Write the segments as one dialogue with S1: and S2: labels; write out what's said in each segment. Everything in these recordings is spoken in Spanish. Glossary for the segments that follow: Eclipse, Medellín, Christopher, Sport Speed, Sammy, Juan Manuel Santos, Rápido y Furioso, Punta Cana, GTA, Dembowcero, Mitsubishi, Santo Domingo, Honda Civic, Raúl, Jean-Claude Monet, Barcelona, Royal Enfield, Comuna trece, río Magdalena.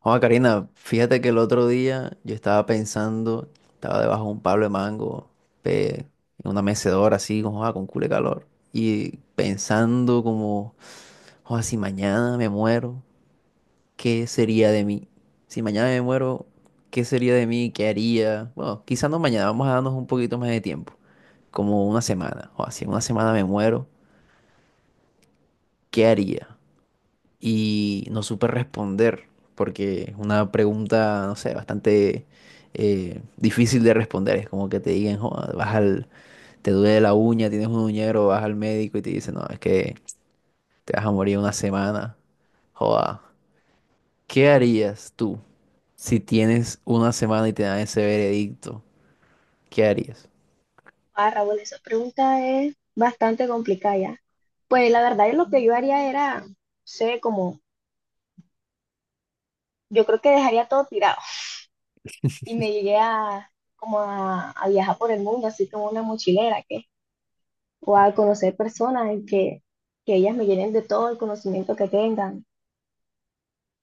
S1: Juan Karina, fíjate que el otro día yo estaba pensando, estaba debajo de un palo de mango, pe- en una mecedora así, con culo de calor, y pensando como, "Joda, si mañana me muero, ¿qué sería de mí? Si mañana me muero, ¿qué sería de mí? ¿Qué haría? Bueno, quizás no mañana, vamos a darnos un poquito más de tiempo, como una semana, o si en una semana me muero, ¿qué haría?" Y no supe responder porque es una pregunta, no sé, bastante difícil de responder. Es como que te digan, "Joda, te duele la uña, tienes un uñero, vas al médico y te dicen, no, es que te vas a morir una semana. Joda, ¿qué harías tú si tienes una semana y te dan ese veredicto? ¿Qué harías?"
S2: Ah, Raúl, esa pregunta es bastante complicada ya. Pues la verdad es lo que yo haría era, no sé, como, yo creo que dejaría todo tirado y me llegué a, a viajar por el mundo, así como una mochilera, que, o a conocer personas en que ellas me llenen de todo el conocimiento que tengan,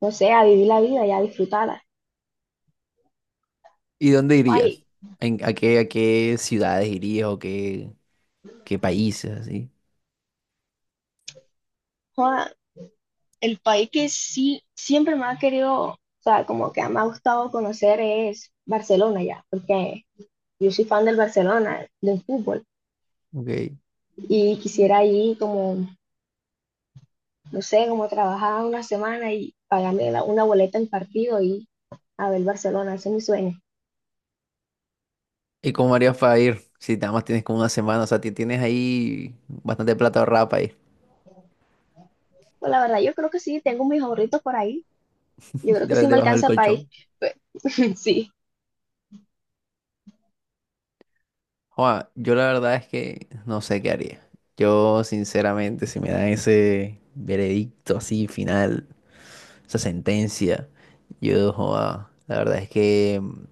S2: no sé, a vivir la vida y a disfrutarla.
S1: ¿Y dónde irías?
S2: Ay,
S1: A qué, a qué ciudades irías o qué, qué países así?
S2: joda, el país que sí, siempre me ha querido, o sea, como que me ha gustado conocer es Barcelona ya, porque yo soy fan del Barcelona, del fútbol.
S1: Ok.
S2: Y quisiera ir como, no sé, como trabajar una semana y pagarme una boleta del partido y a ver Barcelona, ese es mi sueño.
S1: ¿Y cómo harías para ir? Si nada más tienes como una semana, o sea, tienes ahí bastante plata ahorrada para ir.
S2: Pues la verdad, yo creo que sí, tengo mis ahorritos por ahí. Yo creo que sí me
S1: Debajo del
S2: alcanza para ir.
S1: colchón.
S2: Pe- Sí,
S1: Joa, yo la verdad es que no sé qué haría. Yo, sinceramente, si me dan ese veredicto así final, esa sentencia, yo, joa, la verdad es que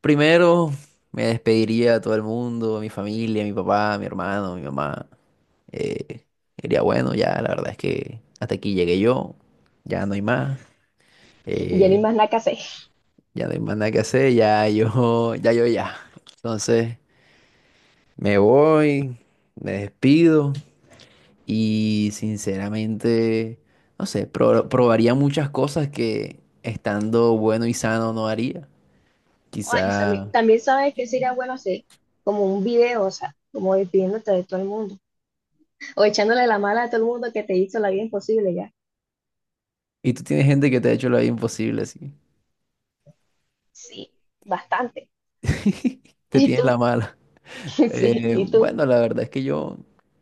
S1: primero me despediría a todo el mundo, a mi familia, a mi papá, a mi hermano, a mi mamá. Eh, Diría, bueno, ya la verdad es que hasta aquí llegué yo, ya no hay más.
S2: ya ni
S1: Eh,
S2: más nada que hacer.
S1: Ya no hay más nada que hacer, ya yo, ya yo ya. Entonces me voy, me despido y sinceramente, no sé, probaría muchas cosas que estando bueno y sano no haría.
S2: Ay, Sammy,
S1: Quizá...
S2: también sabes que sería bueno hacer como un video, o sea, como despidiéndote de todo el mundo o echándole la mala a todo el mundo que te hizo la vida imposible ya.
S1: ¿Y tú tienes gente que te ha hecho la vida imposible, así?
S2: Sí, bastante.
S1: Te
S2: ¿Y
S1: tienes
S2: tú?
S1: la mala.
S2: Sí, ¿y tú?
S1: Bueno, la verdad es que yo,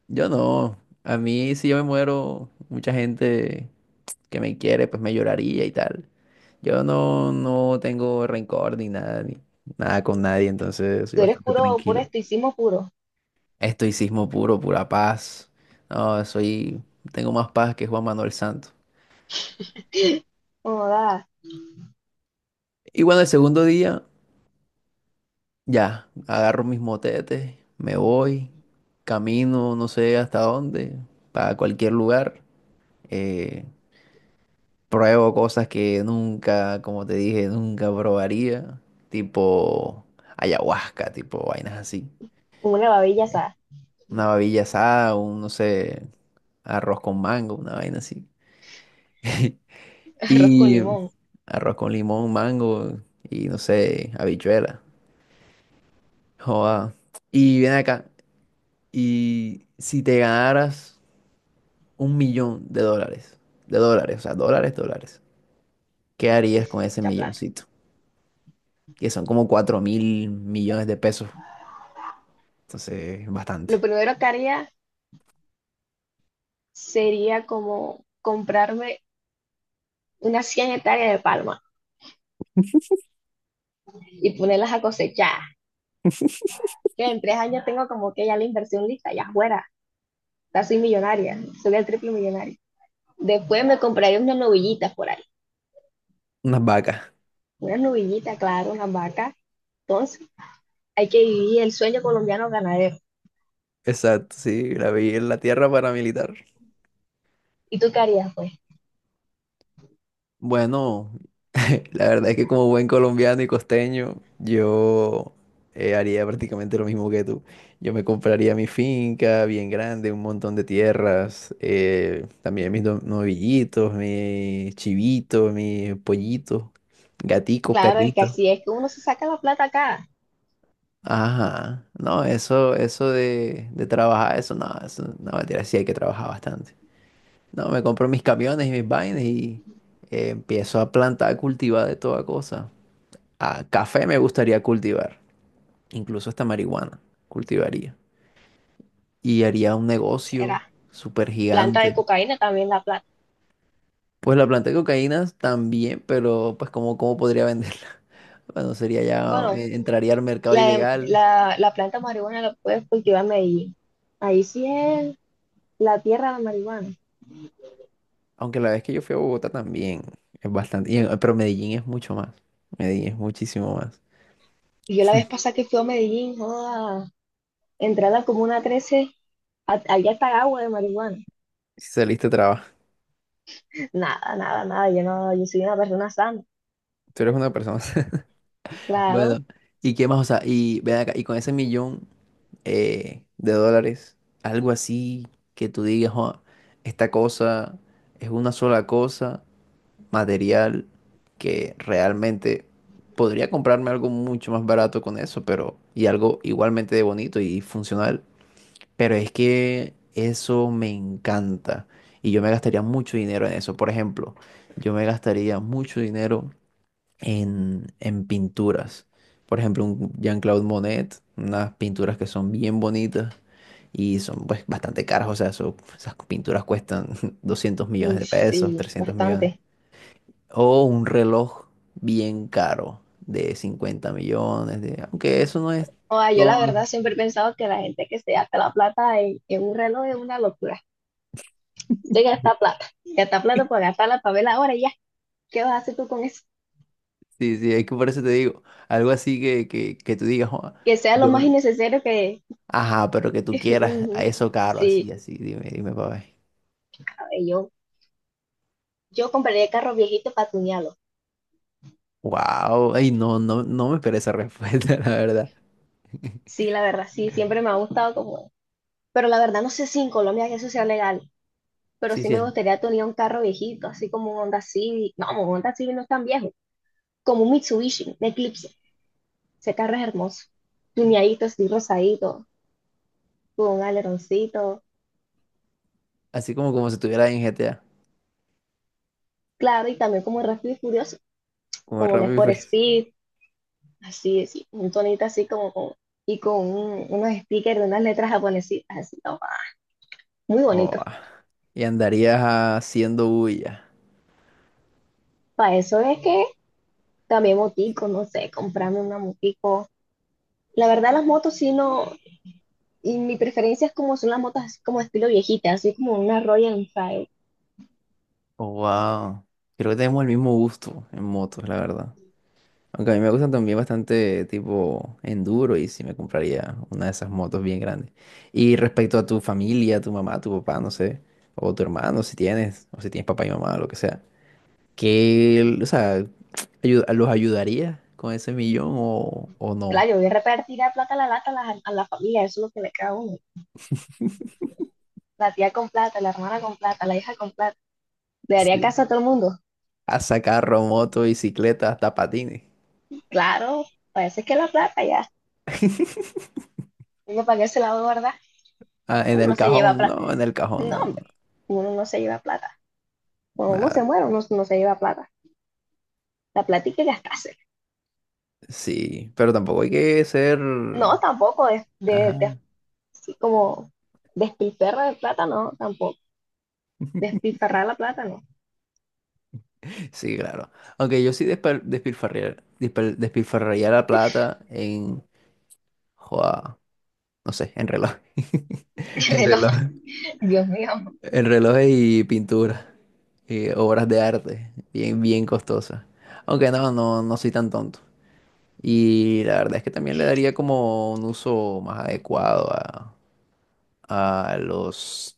S1: yo no. A mí si yo me muero, mucha gente... que me quiere, pues me lloraría y tal. Yo no, no tengo rencor ni nada, ni nada con nadie, entonces soy
S2: Tú eres
S1: bastante
S2: puro, puro
S1: tranquilo.
S2: estoicismo puro.
S1: Estoicismo puro, pura paz. No, soy, tengo más paz que Juan Manuel Santos.
S2: Joda.
S1: Y bueno, el segundo día, ya, agarro mis motetes, me voy, camino no sé hasta dónde, para cualquier lugar. Eh, Pruebo cosas que nunca, como te dije, nunca probaría. Tipo ayahuasca, tipo vainas así.
S2: Una babilla asada,
S1: Una babilla asada, un, no sé, arroz con mango, una vaina así.
S2: arroz con
S1: Y
S2: limón.
S1: arroz con limón, mango y no sé, habichuela. Joda. Y ven acá. Y si te ganaras un millón de dólares, o sea, dólares, dólares, ¿qué harías con ese
S2: Mucha plata.
S1: milloncito? Que son como cuatro mil millones de pesos. Entonces,
S2: Lo
S1: bastante.
S2: primero que haría sería como comprarme unas 100 hectáreas de palma y ponerlas a cosechar. Que en 3 años tengo como que ya la inversión lista, ya fuera. Ya soy millonaria, soy el triple millonario. Después me compraría unas novillitas por ahí.
S1: Unas vacas.
S2: Unas novillitas, claro, unas vacas. Entonces, hay que vivir el sueño colombiano ganadero.
S1: Exacto, sí, la vi en la tierra paramilitar.
S2: ¿Y tú qué harías, pues?
S1: Bueno, la verdad es que como buen colombiano y costeño, yo haría prácticamente lo mismo que tú. Yo me compraría mi finca bien grande, un montón de tierras, también novillitos, mis chivitos, mis pollitos, gaticos,
S2: Claro, es que
S1: perritos.
S2: así es que uno se saca la plata acá.
S1: Ajá, no, eso de trabajar, eso no, mentira, sí hay que trabajar bastante. No, me compro mis camiones y mis vainas y empiezo a plantar, a cultivar de toda cosa. A café me gustaría cultivar, incluso hasta marihuana cultivaría. Y haría un negocio
S2: Será.
S1: súper
S2: Planta de
S1: gigante.
S2: cocaína también la plata.
S1: Pues la planta de cocaína también, pero pues ¿cómo, cómo podría venderla? Bueno, sería ya,
S2: Bueno,
S1: entraría al mercado
S2: La,
S1: ilegal.
S2: la, la planta de marihuana la puedes cultivar en Medellín. Ahí sí es la tierra de la marihuana.
S1: Aunque la vez que yo fui a Bogotá también es bastante, y pero Medellín es mucho más. Medellín es muchísimo más.
S2: Y yo la vez pasada que fui a Medellín, joda, entré a la Comuna 13 allá está agua de marihuana.
S1: Si saliste trabajo,
S2: Nada, nada, nada, yo no, yo soy una persona sana.
S1: tú eres una persona.
S2: Claro,
S1: Bueno, ¿y qué más? O sea, y ven acá, y con ese millón de dólares, algo así que tú digas, "Joa, esta cosa es una sola cosa material que realmente podría comprarme algo mucho más barato con eso, pero y algo igualmente de bonito y funcional, pero es que eso me encanta y yo me gastaría mucho dinero en eso." Por ejemplo, yo me gastaría mucho dinero en pinturas. Por ejemplo, un Jean-Claude Monet, unas pinturas que son bien bonitas y son pues bastante caras, o sea, esas pinturas cuestan 200 millones
S2: uy,
S1: de pesos,
S2: sí,
S1: 300 millones.
S2: bastante.
S1: O un reloj bien caro de 50 millones, de, aunque eso no es
S2: Joda, yo la
S1: todo.
S2: verdad siempre he pensado que la gente que se gasta la plata en un reloj es una locura. Se gasta plata por gastarla para verla ahora y ya. ¿Qué vas a hacer tú con eso?
S1: Sí, sí, es que por eso te digo, algo así que tú digas, "Joa,
S2: Que sea lo
S1: yo,
S2: más innecesario que...
S1: ajá, pero que tú quieras a
S2: Ujú.
S1: eso caro, así,
S2: Sí.
S1: así, dime, dime, papá."
S2: ¿Sabes? Yo compraría carros viejitos para tunearlos.
S1: Wow, ay, no, no, no me esperé esa respuesta, la verdad.
S2: Sí, la verdad, sí, siempre me ha gustado como... Pero la verdad no sé si en Colombia que eso sea legal, pero
S1: Sí,
S2: sí
S1: sí,
S2: me
S1: es
S2: gustaría tunear un carro viejito, así como un Honda Civic. No, un Honda Civic no es tan viejo, como un Mitsubishi, un Eclipse. Ese carro es hermoso, tuneadito, así rosadito, con un aleroncito,
S1: así como como si estuviera en GTA,
S2: claro, y también como Rápido y Furioso,
S1: como en
S2: como un
S1: Rápido y
S2: Sport
S1: Furioso.
S2: Speed, así, así, un tonito así como con... Y con unos stickers de unas letras japonesitas, así, no, muy
S1: Oh,
S2: bonito.
S1: ah, y andarías haciendo bulla.
S2: Para eso es que también motico, no sé, comprarme una motico. La verdad, las motos sí no, y mi preferencia es como son las motos así como estilo viejita, así como una Royal Enfield.
S1: Oh, wow. Creo que tenemos el mismo gusto en motos, la verdad. Aunque a mí me gustan también bastante tipo enduro y sí me compraría una de esas motos bien grandes. Y respecto a tu familia, tu mamá, tu papá, no sé, o tu hermano, si tienes, o si tienes papá y mamá, lo que sea. ¿Qué, o sea, los ayudaría con ese millón o no?
S2: Claro, yo voy a repartir la plata, la lata a a la familia, eso es lo que le queda a uno. La tía con plata, la hermana con plata, la hija con plata. Le daría
S1: Sí.
S2: casa a todo el mundo.
S1: A sacar moto, bicicleta, hasta patines.
S2: Claro, parece que la plata ya. Uno para qué se la va a guardar.
S1: Ah, en
S2: Uno
S1: el
S2: no se lleva
S1: cajón,
S2: plata.
S1: no, en el cajón,
S2: No,
S1: no.
S2: hombre,
S1: No,
S2: uno no se lleva plata. Cuando uno se
S1: nada,
S2: muere, uno no se lleva plata. La plata hay que gastarse.
S1: sí, pero tampoco hay que ser...
S2: No, tampoco es
S1: Ajá.
S2: de como despilferra de plata, no, tampoco. Despilfarrar la plata, no.
S1: Sí, claro. Aunque yo sí despilfarrar despilfarriar, despilfarraría la plata en... Joda, no sé, en reloj. En reloj.
S2: Dios mío.
S1: En relojes y pinturas, y obras de arte, bien, bien costosas. Aunque no, no, no soy tan tonto. Y la verdad es que también le daría como un uso más adecuado a los,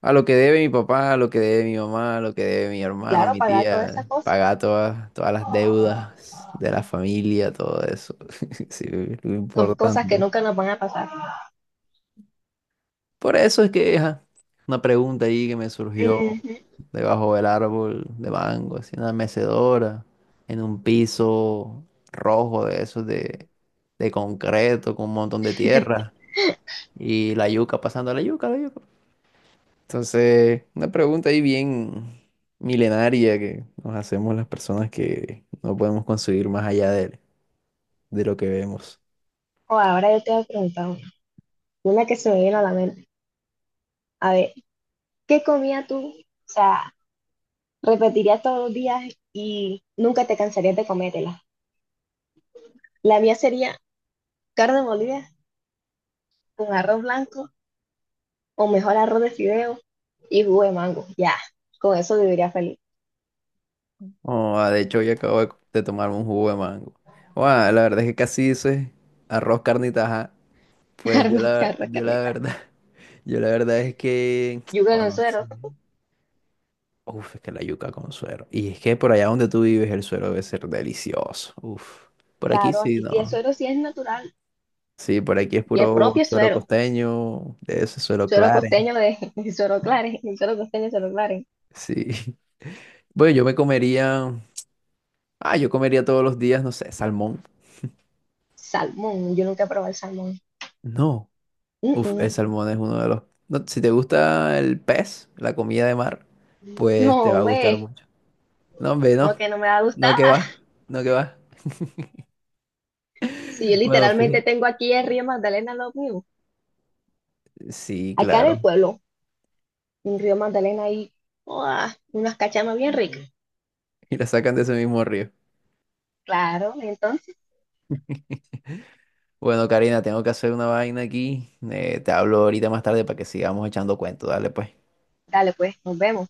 S1: a lo que debe mi papá, a lo que debe mi mamá, a lo que debe mi hermano,
S2: Claro,
S1: mi
S2: pagar todas esas
S1: tía,
S2: cosas.
S1: pagar todas, todas las deudas de la familia, todo eso. Sí, lo
S2: Son cosas que
S1: importante.
S2: nunca nos van a pasar.
S1: Por eso es que ajá, una pregunta ahí que me surgió
S2: Ujú.
S1: debajo del árbol de mango, así en una mecedora, en un piso rojo de esos de concreto con un montón de tierra y la yuca pasando la yuca, la yuca. Entonces, una pregunta ahí bien milenaria que nos hacemos las personas que no podemos conseguir más allá de lo que vemos.
S2: O oh, ahora yo te voy a preguntar una que se me viene a la mente. A ver, ¿qué comía tú? O sea, repetirías todos los días y nunca te cansarías de comértela. La mía sería carne molida con arroz blanco o mejor arroz de fideo y jugo de mango. Ya, con eso viviría feliz.
S1: Oh, ah, de hecho, hoy acabo de tomar un jugo de mango. Oh, ah, la verdad es que casi dices arroz, carne y taja. Pues yo
S2: Carne,
S1: la,
S2: carne,
S1: yo la
S2: carne.
S1: verdad, yo la verdad es que,
S2: Yuca en el
S1: bueno, sí.
S2: suero,
S1: Uf, es que la yuca con suero. Y es que por allá donde tú vives el suero debe ser delicioso. Uf, por aquí
S2: claro,
S1: sí,
S2: aquí sí el
S1: no.
S2: suero sí es natural
S1: Sí, por aquí es
S2: y el
S1: puro
S2: propio
S1: suero
S2: suero,
S1: costeño, de ese suero
S2: suero
S1: Claret.
S2: costeño de el suero Claret, el suero costeño de suero Claret.
S1: Sí. Bueno, yo me comería, ah, yo comería todos los días, no sé, salmón.
S2: Salmón, yo nunca he probado el salmón.
S1: No.
S2: Mm,
S1: Uf, el
S2: mm.
S1: salmón es uno de los... no, si te gusta el pez, la comida de mar, pues
S2: No,
S1: te va a gustar
S2: hombre,
S1: mucho. No, hombre,
S2: como
S1: no.
S2: que no me va a
S1: No
S2: gustar.
S1: que va. No que va.
S2: Si yo
S1: Bueno,
S2: literalmente
S1: fíjate.
S2: tengo aquí el río Magdalena lo mío.
S1: Sí,
S2: Acá en el
S1: claro.
S2: pueblo, un río Magdalena y unas cachamas bien ricas.
S1: Y la sacan de ese mismo río.
S2: Claro, entonces,
S1: Bueno, Karina, tengo que hacer una vaina aquí. Te hablo ahorita más tarde para que sigamos echando cuentos. Dale, pues.
S2: dale pues, nos vemos.